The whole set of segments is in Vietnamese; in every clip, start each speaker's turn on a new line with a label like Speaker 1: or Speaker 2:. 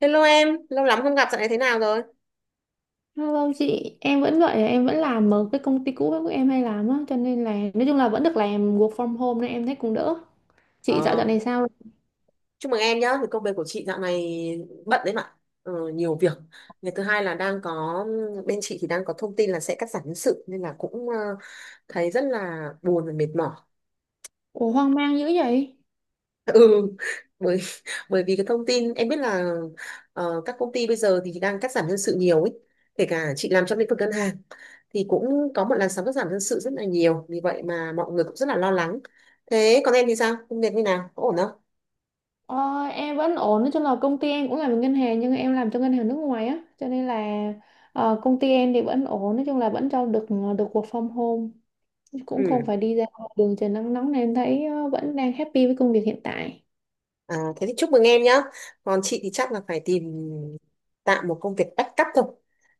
Speaker 1: Hello em, lâu lắm không gặp, dạo này thế nào rồi?
Speaker 2: Vâng vâng, chị, em vẫn vậy, em vẫn làm ở cái công ty cũ của em hay làm á, cho nên là nói chung là vẫn được làm work from home nên em thấy cũng đỡ. Chị dạo dạo
Speaker 1: Ờ,
Speaker 2: này sao?
Speaker 1: chúc mừng em nhá, thì công việc của chị dạo này bận đấy mà, ừ, nhiều việc. Ngày thứ hai là đang có, bên chị thì đang có thông tin là sẽ cắt giảm nhân sự, nên là cũng thấy rất là buồn và mệt mỏi.
Speaker 2: Ủa hoang mang dữ vậy?
Speaker 1: Ừ, bởi bởi vì cái thông tin, em biết là các công ty bây giờ thì đang cắt giảm nhân sự nhiều ấy, kể cả chị làm trong lĩnh vực ngân hàng, thì cũng có một làn sóng cắt giảm nhân sự rất là nhiều, vì vậy mà mọi người cũng rất là lo lắng. Thế còn em thì sao? Công việc như nào? Có ổn không?
Speaker 2: Ờ, em vẫn ổn, nói chung là công ty em cũng làm ở ngân hàng nhưng em làm cho ngân hàng nước ngoài á, cho nên là công ty em thì vẫn ổn, nói chung là vẫn cho được được work from home, cũng không
Speaker 1: Ừ.
Speaker 2: phải đi ra ngoài đường trời nắng nóng nên em thấy vẫn đang happy với công việc hiện tại.
Speaker 1: À, thế thì chúc mừng em nhá. Còn chị thì chắc là phải tìm tạm một công việc backup thôi.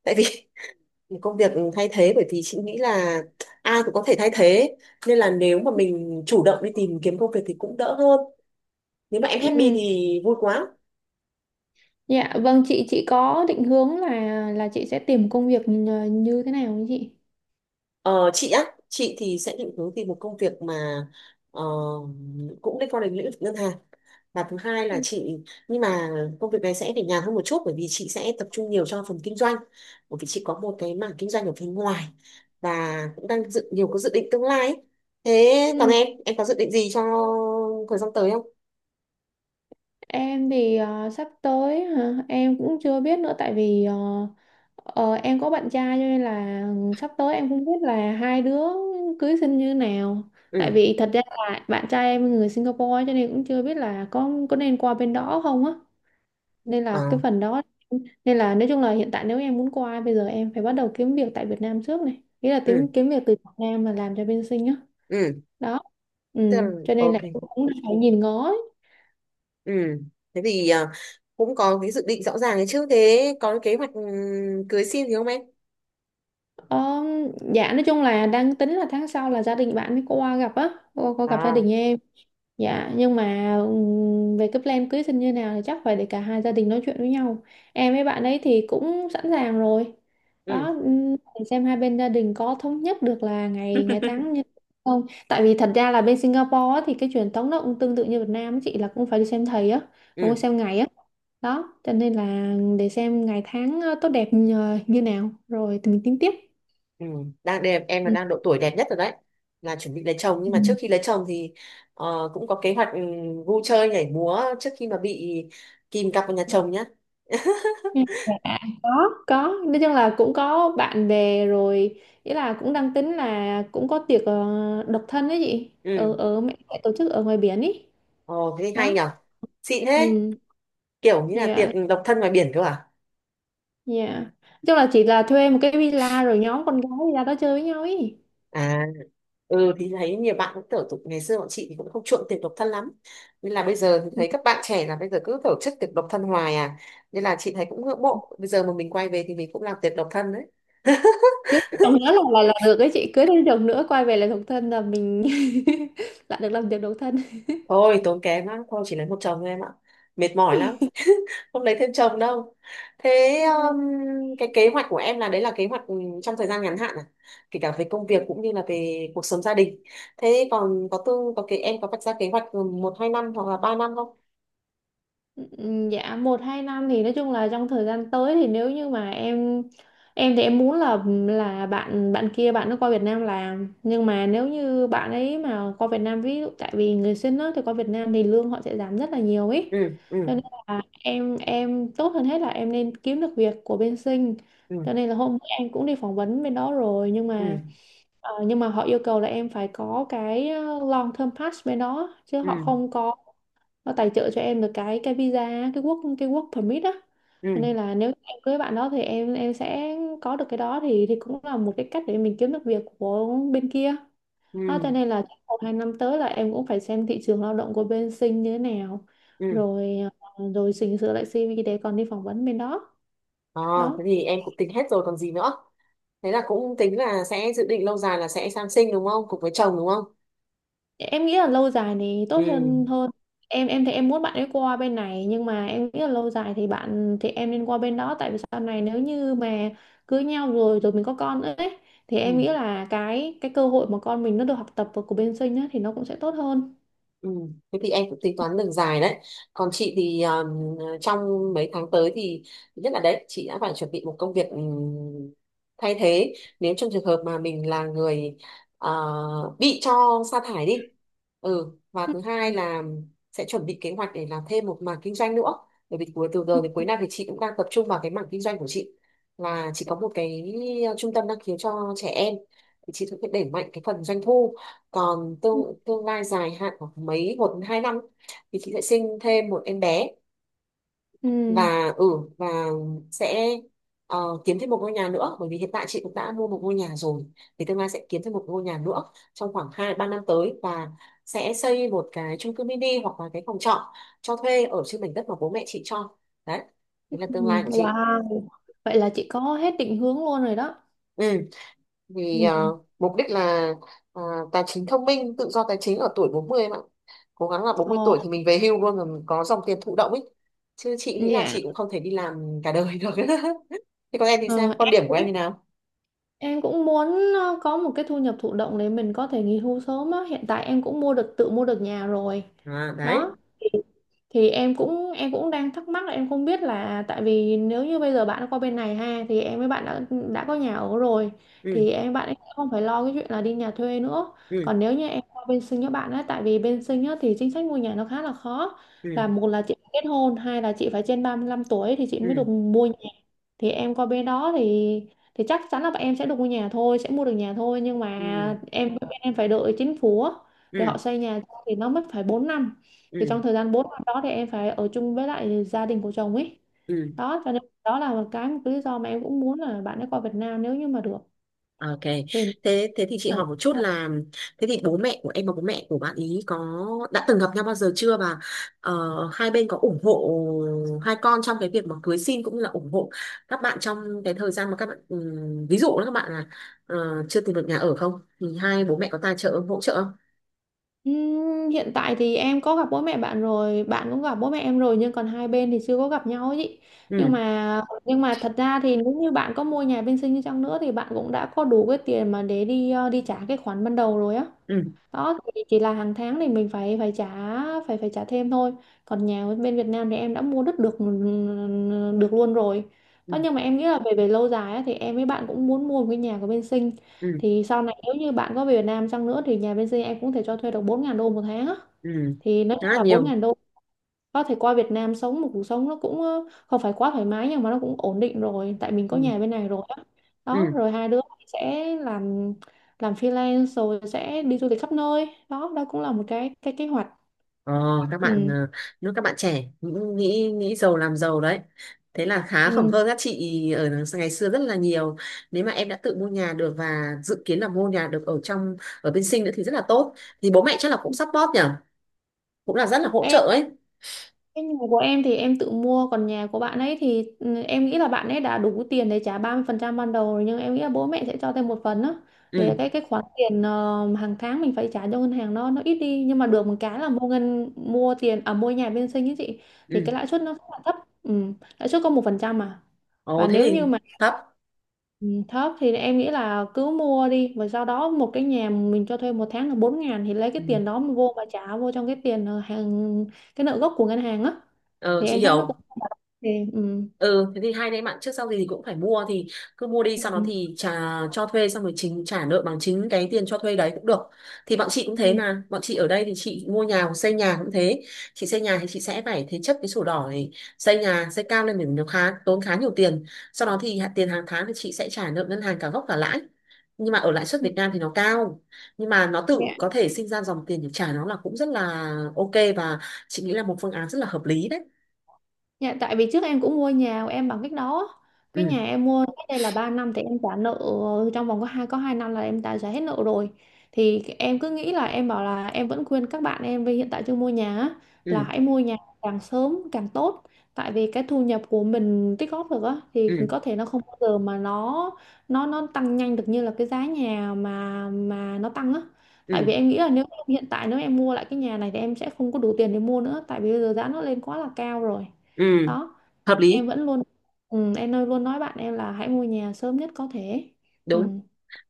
Speaker 1: Tại vì một công việc thay thế, bởi vì chị nghĩ là ai cũng có thể thay thế. Nên là nếu mà mình chủ động đi tìm kiếm công việc thì cũng đỡ hơn. Nếu mà em happy
Speaker 2: Ừ,
Speaker 1: thì vui quá.
Speaker 2: dạ vâng chị có định hướng là chị sẽ tìm công việc như như thế nào không chị?
Speaker 1: Ờ, chị á, chị thì sẽ định hướng tìm một công việc mà ờ, cũng liên quan đến lĩnh vực ngân hàng. Và thứ hai
Speaker 2: Ừ,
Speaker 1: là chị, nhưng mà công việc này sẽ để nhàn hơn một chút bởi vì chị sẽ tập trung nhiều cho phần kinh doanh. Bởi vì chị có một cái mảng kinh doanh ở phía ngoài và cũng đang dự nhiều có dự định tương lai ấy. Thế còn em có dự định gì cho thời gian tới không?
Speaker 2: em thì sắp tới hả? Em cũng chưa biết nữa tại vì em có bạn trai cho nên là sắp tới em không biết là hai đứa cưới xin như nào. Tại
Speaker 1: Ừ,
Speaker 2: vì thật ra là bạn trai em người Singapore cho nên cũng chưa biết là có nên qua bên đó không á. Nên
Speaker 1: ờ,
Speaker 2: là cái phần đó nên là nói chung là hiện tại nếu em muốn qua bây giờ em phải bắt đầu kiếm việc tại Việt Nam trước này. Nghĩa là
Speaker 1: ừ,
Speaker 2: kiếm kiếm việc từ Việt Nam mà làm cho bên Sing á.
Speaker 1: ừ,
Speaker 2: Đó. Ừ,
Speaker 1: tức là
Speaker 2: cho nên là
Speaker 1: ok,
Speaker 2: cũng phải nhìn ngó.
Speaker 1: ừ. Thế thì cũng có cái dự định rõ ràng đấy chứ. Thế có cái kế hoạch cưới xin gì không em?
Speaker 2: Ờ, dạ nói chung là đang tính là tháng sau là gia đình bạn mới qua gặp á, qua gặp gia
Speaker 1: À,
Speaker 2: đình em. Dạ nhưng mà về cái plan cưới xin như nào thì chắc phải để cả hai gia đình nói chuyện với nhau. Em với bạn ấy thì cũng sẵn sàng rồi.
Speaker 1: ừ,
Speaker 2: Đó để xem hai bên gia đình có thống nhất được là ngày ngày tháng như không. Tại vì thật ra là bên Singapore á, thì cái truyền thống nó cũng tương tự như Việt Nam á chị là cũng phải đi xem thầy á, cũng
Speaker 1: ừ,
Speaker 2: phải xem ngày á. Đó, cho nên là để xem ngày tháng tốt đẹp như như nào rồi thì mình tính tiếp.
Speaker 1: ừ, đang đẹp em là
Speaker 2: Ừ.
Speaker 1: đang độ tuổi đẹp nhất rồi đấy, là chuẩn bị lấy chồng, nhưng mà trước
Speaker 2: Ừ.
Speaker 1: khi lấy chồng thì cũng có kế hoạch vui chơi nhảy múa trước khi mà bị kìm cặp vào nhà chồng nhá.
Speaker 2: Ừ. Dạ, có nói chung là cũng có bạn bè rồi ý là cũng đang tính là cũng có tiệc độc thân ấy chị, ở
Speaker 1: Ừ,
Speaker 2: ở mẹ mẹ tổ chức ở ngoài biển ý.
Speaker 1: ồ thế hay
Speaker 2: Đó,
Speaker 1: nhở, xịn thế,
Speaker 2: ừ,
Speaker 1: kiểu như là tiệc
Speaker 2: dạ,
Speaker 1: độc thân ngoài biển cơ à?
Speaker 2: dạ nói chung là chỉ là thuê một cái villa rồi nhóm con gái ra đó chơi với nhau ý.
Speaker 1: À, ừ thì thấy nhiều bạn cũng tổ tục, ngày xưa bọn chị thì cũng không chuộng tiệc độc thân lắm, nên là bây giờ thì
Speaker 2: Ừ,
Speaker 1: thấy các bạn trẻ là bây giờ cứ tổ chức tiệc độc thân hoài à, nên là chị thấy cũng ngưỡng mộ, bây giờ mà mình quay về thì mình cũng làm tiệc độc thân đấy.
Speaker 2: cưới chồng nữa là là được ấy chị, cưới thêm chồng nữa quay về là độc thân là mình lại được làm việc độc thân.
Speaker 1: Thôi tốn kém lắm, thôi chỉ lấy một chồng thôi em ạ, mệt mỏi lắm, không lấy thêm chồng đâu. Thế um, cái kế hoạch của em là đấy là kế hoạch trong thời gian ngắn hạn à, kể cả về công việc cũng như là về cuộc sống gia đình. Thế còn có tư có cái em có vạch ra kế hoạch một hai năm hoặc là 3 năm không?
Speaker 2: Ừ, dạ một hai năm thì nói chung là trong thời gian tới thì nếu như mà em thì em muốn là bạn bạn kia, bạn nó qua Việt Nam làm, nhưng mà nếu như bạn ấy mà qua Việt Nam ví dụ tại vì người sinh á thì qua Việt Nam thì lương họ sẽ giảm rất là nhiều ấy,
Speaker 1: Ừ, ừ,
Speaker 2: cho nên là em, tốt hơn hết là em nên kiếm được việc của bên sinh.
Speaker 1: ừ,
Speaker 2: Cho nên là hôm bữa em cũng đi phỏng vấn bên đó rồi nhưng
Speaker 1: ừ,
Speaker 2: mà nhưng mà họ yêu cầu là em phải có cái long term pass bên đó chứ
Speaker 1: ừ,
Speaker 2: họ không có nó tài trợ cho em được cái visa, cái work permit á.
Speaker 1: ừ,
Speaker 2: Cho nên là nếu em cưới bạn đó thì em sẽ có được cái đó thì cũng là một cái cách để mình kiếm được việc của bên kia. Đó, cho
Speaker 1: ừ,
Speaker 2: nên là trong một hai năm tới là em cũng phải xem thị trường lao động của bên Sinh như thế nào
Speaker 1: ừ.
Speaker 2: rồi rồi chỉnh sửa lại CV để còn đi phỏng vấn bên đó.
Speaker 1: À, thế
Speaker 2: Đó.
Speaker 1: thì em cũng tính hết rồi còn gì nữa. Thế là cũng tính là sẽ dự định lâu dài là sẽ sang sinh đúng không, cùng với chồng đúng không?
Speaker 2: Em nghĩ là lâu dài thì tốt
Speaker 1: Ừ,
Speaker 2: hơn hơn Em, thì em muốn bạn ấy qua bên này nhưng mà em nghĩ là lâu dài thì bạn thì em nên qua bên đó, tại vì sau này nếu như mà cưới nhau rồi rồi mình có con nữa ấy thì em nghĩ
Speaker 1: ừ.
Speaker 2: là cái cơ hội mà con mình nó được học tập của bên sinh á thì nó cũng sẽ tốt hơn.
Speaker 1: Ừ. Thế thì em cũng tính toán đường dài đấy. Còn chị thì trong mấy tháng tới thì thứ nhất là đấy, chị đã phải chuẩn bị một công việc thay thế nếu trong trường hợp mà mình là người ờ, bị cho sa thải đi. Ừ, và
Speaker 2: Ừ.
Speaker 1: thứ hai là sẽ chuẩn bị kế hoạch để làm thêm một mảng kinh doanh nữa. Bởi vì cuối từ giờ đến cuối năm thì chị cũng đang tập trung vào cái mảng kinh doanh của chị, là chị có một cái trung tâm năng khiếu cho trẻ em, thì chị cũng phải đẩy mạnh cái phần doanh thu. Còn
Speaker 2: Ừ.
Speaker 1: tương tương lai dài hạn khoảng mấy 1 đến 2 năm thì chị sẽ sinh thêm một em bé
Speaker 2: Ừ.
Speaker 1: và ừ và sẽ ờ, kiếm thêm một ngôi nhà nữa, bởi vì hiện tại chị cũng đã mua một ngôi nhà rồi, thì tương lai sẽ kiếm thêm một ngôi nhà nữa trong khoảng hai ba năm tới, và sẽ xây một cái chung cư mini hoặc là cái phòng trọ cho thuê ở trên mảnh đất mà bố mẹ chị cho. Đấy,
Speaker 2: Ừ.
Speaker 1: đấy là tương lai của chị.
Speaker 2: Wow, vậy là chị có hết định hướng luôn rồi đó.
Speaker 1: Ừ, vì
Speaker 2: Ừ.
Speaker 1: mục đích là ờ, tài chính thông minh, tự do tài chính ở tuổi 40 em ạ, cố gắng là bốn mươi
Speaker 2: Ồ,
Speaker 1: tuổi thì mình về hưu luôn, rồi mình có dòng tiền thụ động ấy, chứ chị nghĩ là
Speaker 2: dạ.
Speaker 1: chị cũng không thể đi làm cả đời được. Thế còn em thì
Speaker 2: Ờ,
Speaker 1: sao, quan
Speaker 2: em
Speaker 1: điểm của em
Speaker 2: cũng,
Speaker 1: như nào?
Speaker 2: em cũng muốn có một cái thu nhập thụ động để mình có thể nghỉ hưu sớm á. Hiện tại em cũng mua được, tự mua được nhà rồi.
Speaker 1: À, đấy,
Speaker 2: Đó. Thì em cũng, em cũng đang thắc mắc là em không biết là tại vì nếu như bây giờ bạn qua bên này ha thì em với bạn đã có nhà ở rồi
Speaker 1: ừ,
Speaker 2: thì em, bạn ấy không phải lo cái chuyện là đi nhà thuê nữa.
Speaker 1: ừ,
Speaker 2: Còn nếu như em qua bên Sinh với bạn á tại vì bên Sinh á thì chính sách mua nhà nó khá là khó.
Speaker 1: ừ,
Speaker 2: Là một là chị phải kết hôn, hai là chị phải trên 35 tuổi thì chị mới
Speaker 1: ừ,
Speaker 2: được mua nhà. Thì em qua bên đó thì chắc chắn là bọn em sẽ được mua nhà thôi, sẽ mua được nhà thôi nhưng mà
Speaker 1: ừ,
Speaker 2: em, bên em phải đợi chính phủ á, để
Speaker 1: ừ,
Speaker 2: họ xây nhà cho thì nó mất phải 4 năm. Thì
Speaker 1: ừ,
Speaker 2: trong thời gian 4 năm đó thì em phải ở chung với lại gia đình của chồng ấy.
Speaker 1: ừ.
Speaker 2: Đó, cho nên đó là một cái lý do mà em cũng muốn là bạn ấy qua Việt Nam nếu như mà được
Speaker 1: Ok. Thế thế thì chị
Speaker 2: thì.
Speaker 1: hỏi một chút là thế thì bố mẹ của em và bố mẹ của bạn ý có đã từng gặp nhau bao giờ chưa, và ờ, hai bên có ủng hộ hai con trong cái việc mà cưới xin cũng như là ủng hộ các bạn trong cái thời gian mà các bạn ví dụ là các bạn là chưa tìm được nhà ở không, thì hai bố mẹ có tài trợ hỗ trợ không?
Speaker 2: Hiện tại thì em có gặp bố mẹ bạn rồi, bạn cũng gặp bố mẹ em rồi nhưng còn hai bên thì chưa có gặp nhau ấy chị. Nhưng
Speaker 1: Ừ,
Speaker 2: mà, thật ra thì nếu như bạn có mua nhà bên Sinh đi chăng nữa thì bạn cũng đã có đủ cái tiền mà để đi đi trả cái khoản ban đầu rồi á.
Speaker 1: ừ,
Speaker 2: Đó thì chỉ là hàng tháng thì mình phải, trả, phải phải trả thêm thôi. Còn nhà bên Việt Nam thì em đã mua đất được ừ, được luôn rồi.
Speaker 1: ừ,
Speaker 2: Đó, nhưng mà em nghĩ là về về lâu dài á, thì em với bạn cũng muốn mua một cái nhà của bên Sinh,
Speaker 1: ừ,
Speaker 2: thì sau này nếu như bạn có về Việt Nam chăng nữa thì nhà bên Sinh em cũng thể cho thuê được 4000 đô một tháng á.
Speaker 1: ừ.
Speaker 2: Thì nói
Speaker 1: Khá
Speaker 2: chung
Speaker 1: là
Speaker 2: là bốn
Speaker 1: nhiều.
Speaker 2: ngàn đô có thể qua Việt Nam sống một cuộc sống nó cũng không phải quá thoải mái nhưng mà nó cũng ổn định rồi tại mình có
Speaker 1: Ừ,
Speaker 2: nhà bên này rồi á. Đó
Speaker 1: ừ.
Speaker 2: rồi hai đứa sẽ làm freelance rồi sẽ đi du lịch khắp nơi. Đó đó cũng là một cái kế hoạch
Speaker 1: Ờ, các bạn
Speaker 2: ừ.
Speaker 1: nếu các bạn trẻ nghĩ nghĩ nghĩ giàu làm giàu đấy, thế là khá khẩm hơn các chị ở ngày xưa rất là nhiều. Nếu mà em đã tự mua nhà được và dự kiến là mua nhà được ở trong ở bên Sinh nữa thì rất là tốt, thì bố mẹ chắc là cũng support nhỉ, cũng là rất là hỗ trợ
Speaker 2: Ừ.
Speaker 1: ấy.
Speaker 2: Cái nhà của em thì em tự mua, còn nhà của bạn ấy thì ừ, em nghĩ là bạn ấy đã đủ tiền để trả 30% ban đầu rồi nhưng em nghĩ là bố mẹ sẽ cho thêm một phần á,
Speaker 1: Ừ,
Speaker 2: để cái khoản tiền hàng tháng mình phải trả cho ngân hàng nó, ít đi, nhưng mà được một cái là mua ngân mua tiền à mua nhà bên sinh ấy chị,
Speaker 1: ừ,
Speaker 2: thì cái lãi suất nó rất là thấp. Ừ, lãi suất có 1% mà,
Speaker 1: ồ
Speaker 2: và
Speaker 1: thế
Speaker 2: nếu
Speaker 1: thì
Speaker 2: như mà
Speaker 1: thấp,
Speaker 2: ừ, thấp thì em nghĩ là cứ mua đi và sau đó một cái nhà mình cho thuê một tháng là 4 ngàn thì lấy cái
Speaker 1: ừ.
Speaker 2: tiền đó mà vô mà trả vô trong cái tiền hàng cái nợ gốc của ngân hàng á
Speaker 1: Ờ,
Speaker 2: thì
Speaker 1: chị
Speaker 2: em thấy nó cũng
Speaker 1: hiểu.
Speaker 2: không phải là tiền ừ.
Speaker 1: Ừ, thế thì hai anh em bạn trước sau gì thì cũng phải mua thì cứ mua đi,
Speaker 2: Ừ.
Speaker 1: sau đó
Speaker 2: Ừ.
Speaker 1: thì trả cho thuê xong rồi chính trả nợ bằng chính cái tiền cho thuê đấy cũng được. Thì bọn chị cũng thế
Speaker 2: Ừ.
Speaker 1: mà, bọn chị ở đây thì chị mua nhà hoặc xây nhà cũng thế, chị xây nhà thì chị sẽ phải thế chấp cái sổ đỏ này, xây nhà xây cao lên mình nó khá tốn khá nhiều tiền, sau đó thì tiền hàng tháng thì chị sẽ trả nợ ngân hàng cả gốc cả lãi, nhưng mà ở lãi suất
Speaker 2: Ừ,
Speaker 1: Việt Nam thì nó cao, nhưng mà nó
Speaker 2: ừ.
Speaker 1: tự có thể sinh ra dòng tiền để trả nó là cũng rất là ok. Và chị nghĩ là một phương án rất là hợp lý đấy.
Speaker 2: Dạ, tại vì trước em cũng mua nhà của em bằng cách đó á.
Speaker 1: Ừ,
Speaker 2: Cái nhà em mua cách đây là 3 năm thì em trả nợ trong vòng có hai năm là em đã trả hết nợ rồi. Thì em cứ nghĩ là em bảo là em vẫn khuyên các bạn em vì hiện tại chưa mua nhà á,
Speaker 1: ừ,
Speaker 2: là hãy mua nhà càng sớm càng tốt. Tại vì cái thu nhập của mình tích góp được á
Speaker 1: ừ,
Speaker 2: thì có thể nó không bao giờ mà nó tăng nhanh được như là cái giá nhà mà nó tăng á. Tại vì
Speaker 1: ừ.
Speaker 2: em nghĩ là nếu em hiện tại nếu em mua lại cái nhà này thì em sẽ không có đủ tiền để mua nữa tại vì bây giờ giá nó lên quá là cao rồi.
Speaker 1: Ừ,
Speaker 2: Đó,
Speaker 1: hợp
Speaker 2: em
Speaker 1: lý,
Speaker 2: vẫn luôn ừ, em nói luôn, nói bạn em là hãy mua nhà sớm nhất có thể. Ừ,
Speaker 1: đúng.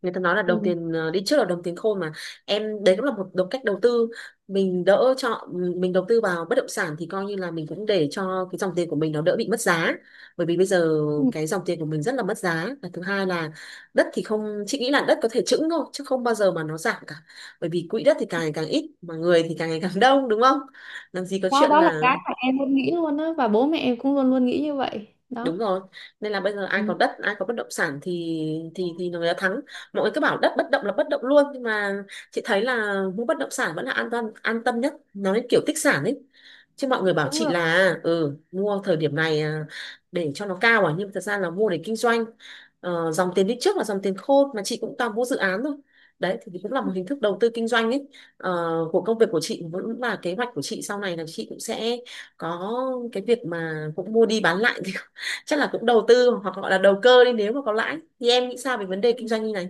Speaker 1: Người ta nói là đồng
Speaker 2: ừ.
Speaker 1: tiền đi trước là đồng tiền khôn mà. Em đấy cũng là một đồng cách đầu tư. Mình đỡ cho mình đầu tư vào bất động sản thì coi như là mình cũng để cho cái dòng tiền của mình nó đỡ bị mất giá. Bởi vì bây giờ
Speaker 2: Ừ.
Speaker 1: cái dòng tiền của mình rất là mất giá. Và thứ hai là đất thì không, chị nghĩ là đất có thể chững thôi chứ không bao giờ mà nó giảm cả. Bởi vì quỹ đất thì càng ngày càng ít mà người thì càng ngày càng đông, đúng không? Làm gì có
Speaker 2: Đó
Speaker 1: chuyện
Speaker 2: đó là
Speaker 1: là
Speaker 2: cái mà em luôn nghĩ luôn á và bố mẹ em cũng luôn luôn nghĩ như vậy đó.
Speaker 1: đúng rồi, nên là bây giờ ai có
Speaker 2: Ừ,
Speaker 1: đất, ai có bất động sản thì người ta thắng. Mọi người cứ bảo đất bất động là bất động luôn, nhưng mà chị thấy là mua bất động sản vẫn là an toàn an tâm nhất, nó như kiểu tích sản ấy, chứ mọi người bảo
Speaker 2: đúng
Speaker 1: chị
Speaker 2: rồi.
Speaker 1: là ừ mua thời điểm này à, để cho nó cao à, nhưng mà thật ra là mua để kinh doanh. Ờ, dòng tiền đi trước là dòng tiền khôn mà, chị cũng toàn mua dự án thôi, đấy thì cũng là một hình thức đầu tư kinh doanh ấy. Ờ, của công việc của chị vẫn là kế hoạch của chị sau này là chị cũng sẽ có cái việc mà cũng mua đi bán lại. Chắc là cũng đầu tư hoặc gọi là đầu cơ đi, nếu mà có lãi thì em nghĩ sao về vấn đề kinh doanh như này?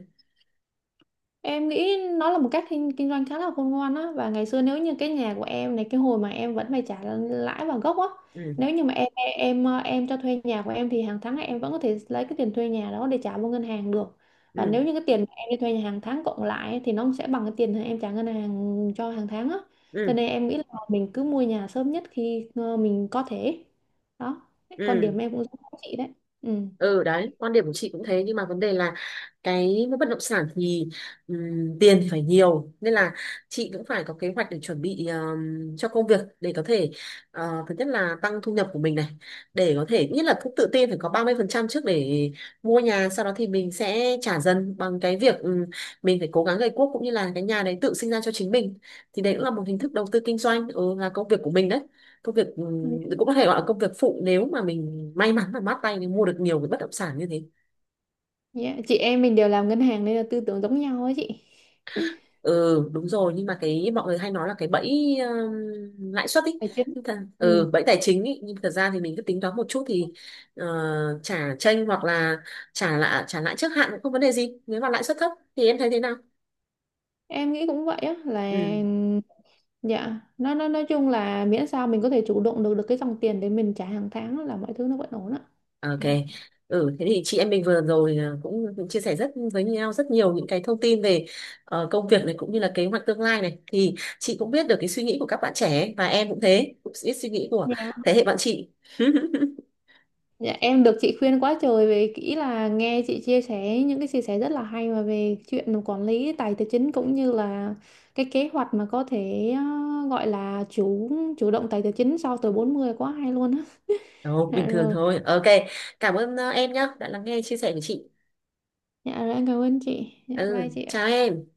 Speaker 2: Em nghĩ nó là một cách kinh doanh khá là khôn ngoan á, và ngày xưa nếu như cái nhà của em này cái hồi mà em vẫn phải trả lãi và gốc á,
Speaker 1: Ừ,
Speaker 2: nếu như mà em em cho thuê nhà của em thì hàng tháng em vẫn có thể lấy cái tiền thuê nhà đó để trả vô ngân hàng được, và
Speaker 1: ừ,
Speaker 2: nếu như cái tiền mà em đi thuê nhà hàng tháng cộng lại ấy, thì nó sẽ bằng cái tiền em trả ngân hàng cho hàng tháng á. Cho
Speaker 1: ừ,
Speaker 2: nên em nghĩ là mình cứ mua nhà sớm nhất khi mình có thể. Đó, quan
Speaker 1: ừ,
Speaker 2: điểm em cũng giống chị đấy, ừ.
Speaker 1: ừ. Đấy quan điểm của chị cũng thế, nhưng mà vấn đề là cái bất động sản thì tiền thì phải nhiều nên là chị cũng phải có kế hoạch để chuẩn bị cho công việc để có thể thứ nhất là tăng thu nhập của mình này, để có thể nhất là cũng tự tin phải có 30% trước để mua nhà, sau đó thì mình sẽ trả dần bằng cái việc mình phải cố gắng gây guốc cũng như là cái nhà đấy tự sinh ra cho chính mình, thì đấy cũng là một hình thức đầu tư kinh doanh, ừ, là công việc của mình đấy. Công việc, cũng có thể gọi là công việc phụ, nếu mà mình may mắn và mát tay mình mua được nhiều cái bất động sản như thế.
Speaker 2: Yeah. Chị em mình đều làm ngân hàng nên là tư tưởng giống nhau ấy chị.
Speaker 1: Ừ đúng rồi, nhưng mà cái mọi người hay nói là cái bẫy lãi suất ý,
Speaker 2: Tài chính,
Speaker 1: nhưng thật,
Speaker 2: ừ.
Speaker 1: ừ, bẫy tài chính ý, nhưng thật ra thì mình cứ tính toán một chút thì ờ, trả chênh hoặc là trả lãi trước hạn cũng không vấn đề gì, nếu mà lãi suất thấp thì em thấy thế nào?
Speaker 2: Em nghĩ cũng vậy á là
Speaker 1: Ừ.
Speaker 2: dạ nói chung là miễn sao mình có thể chủ động được, cái dòng tiền để mình trả hàng tháng là mọi thứ nó vẫn ổn á.
Speaker 1: Ok.
Speaker 2: Dạ.
Speaker 1: Ừ, thế thì chị em mình vừa rồi cũng chia sẻ rất với nhau rất nhiều những cái thông tin về công việc này cũng như là kế hoạch tương lai này, thì chị cũng biết được cái suy nghĩ của các bạn trẻ ấy, và em cũng thế cũng biết suy nghĩ của
Speaker 2: Dạ.
Speaker 1: thế hệ bạn chị.
Speaker 2: Dạ em được chị khuyên quá trời về kỹ là nghe chị chia sẻ, những cái chia sẻ rất là hay mà về chuyện quản lý tài tài chính cũng như là cái kế hoạch mà có thể gọi là chủ chủ động tài tài chính sau tuổi 40, quá hay luôn á.
Speaker 1: Đâu,
Speaker 2: Dạ
Speaker 1: bình thường
Speaker 2: rồi.
Speaker 1: thôi ok. Cảm ơn em nhá, đã lắng nghe chia sẻ của chị.
Speaker 2: Dạ rồi em cảm ơn chị, dạ bye
Speaker 1: Ừ
Speaker 2: chị
Speaker 1: chào
Speaker 2: ạ.
Speaker 1: em.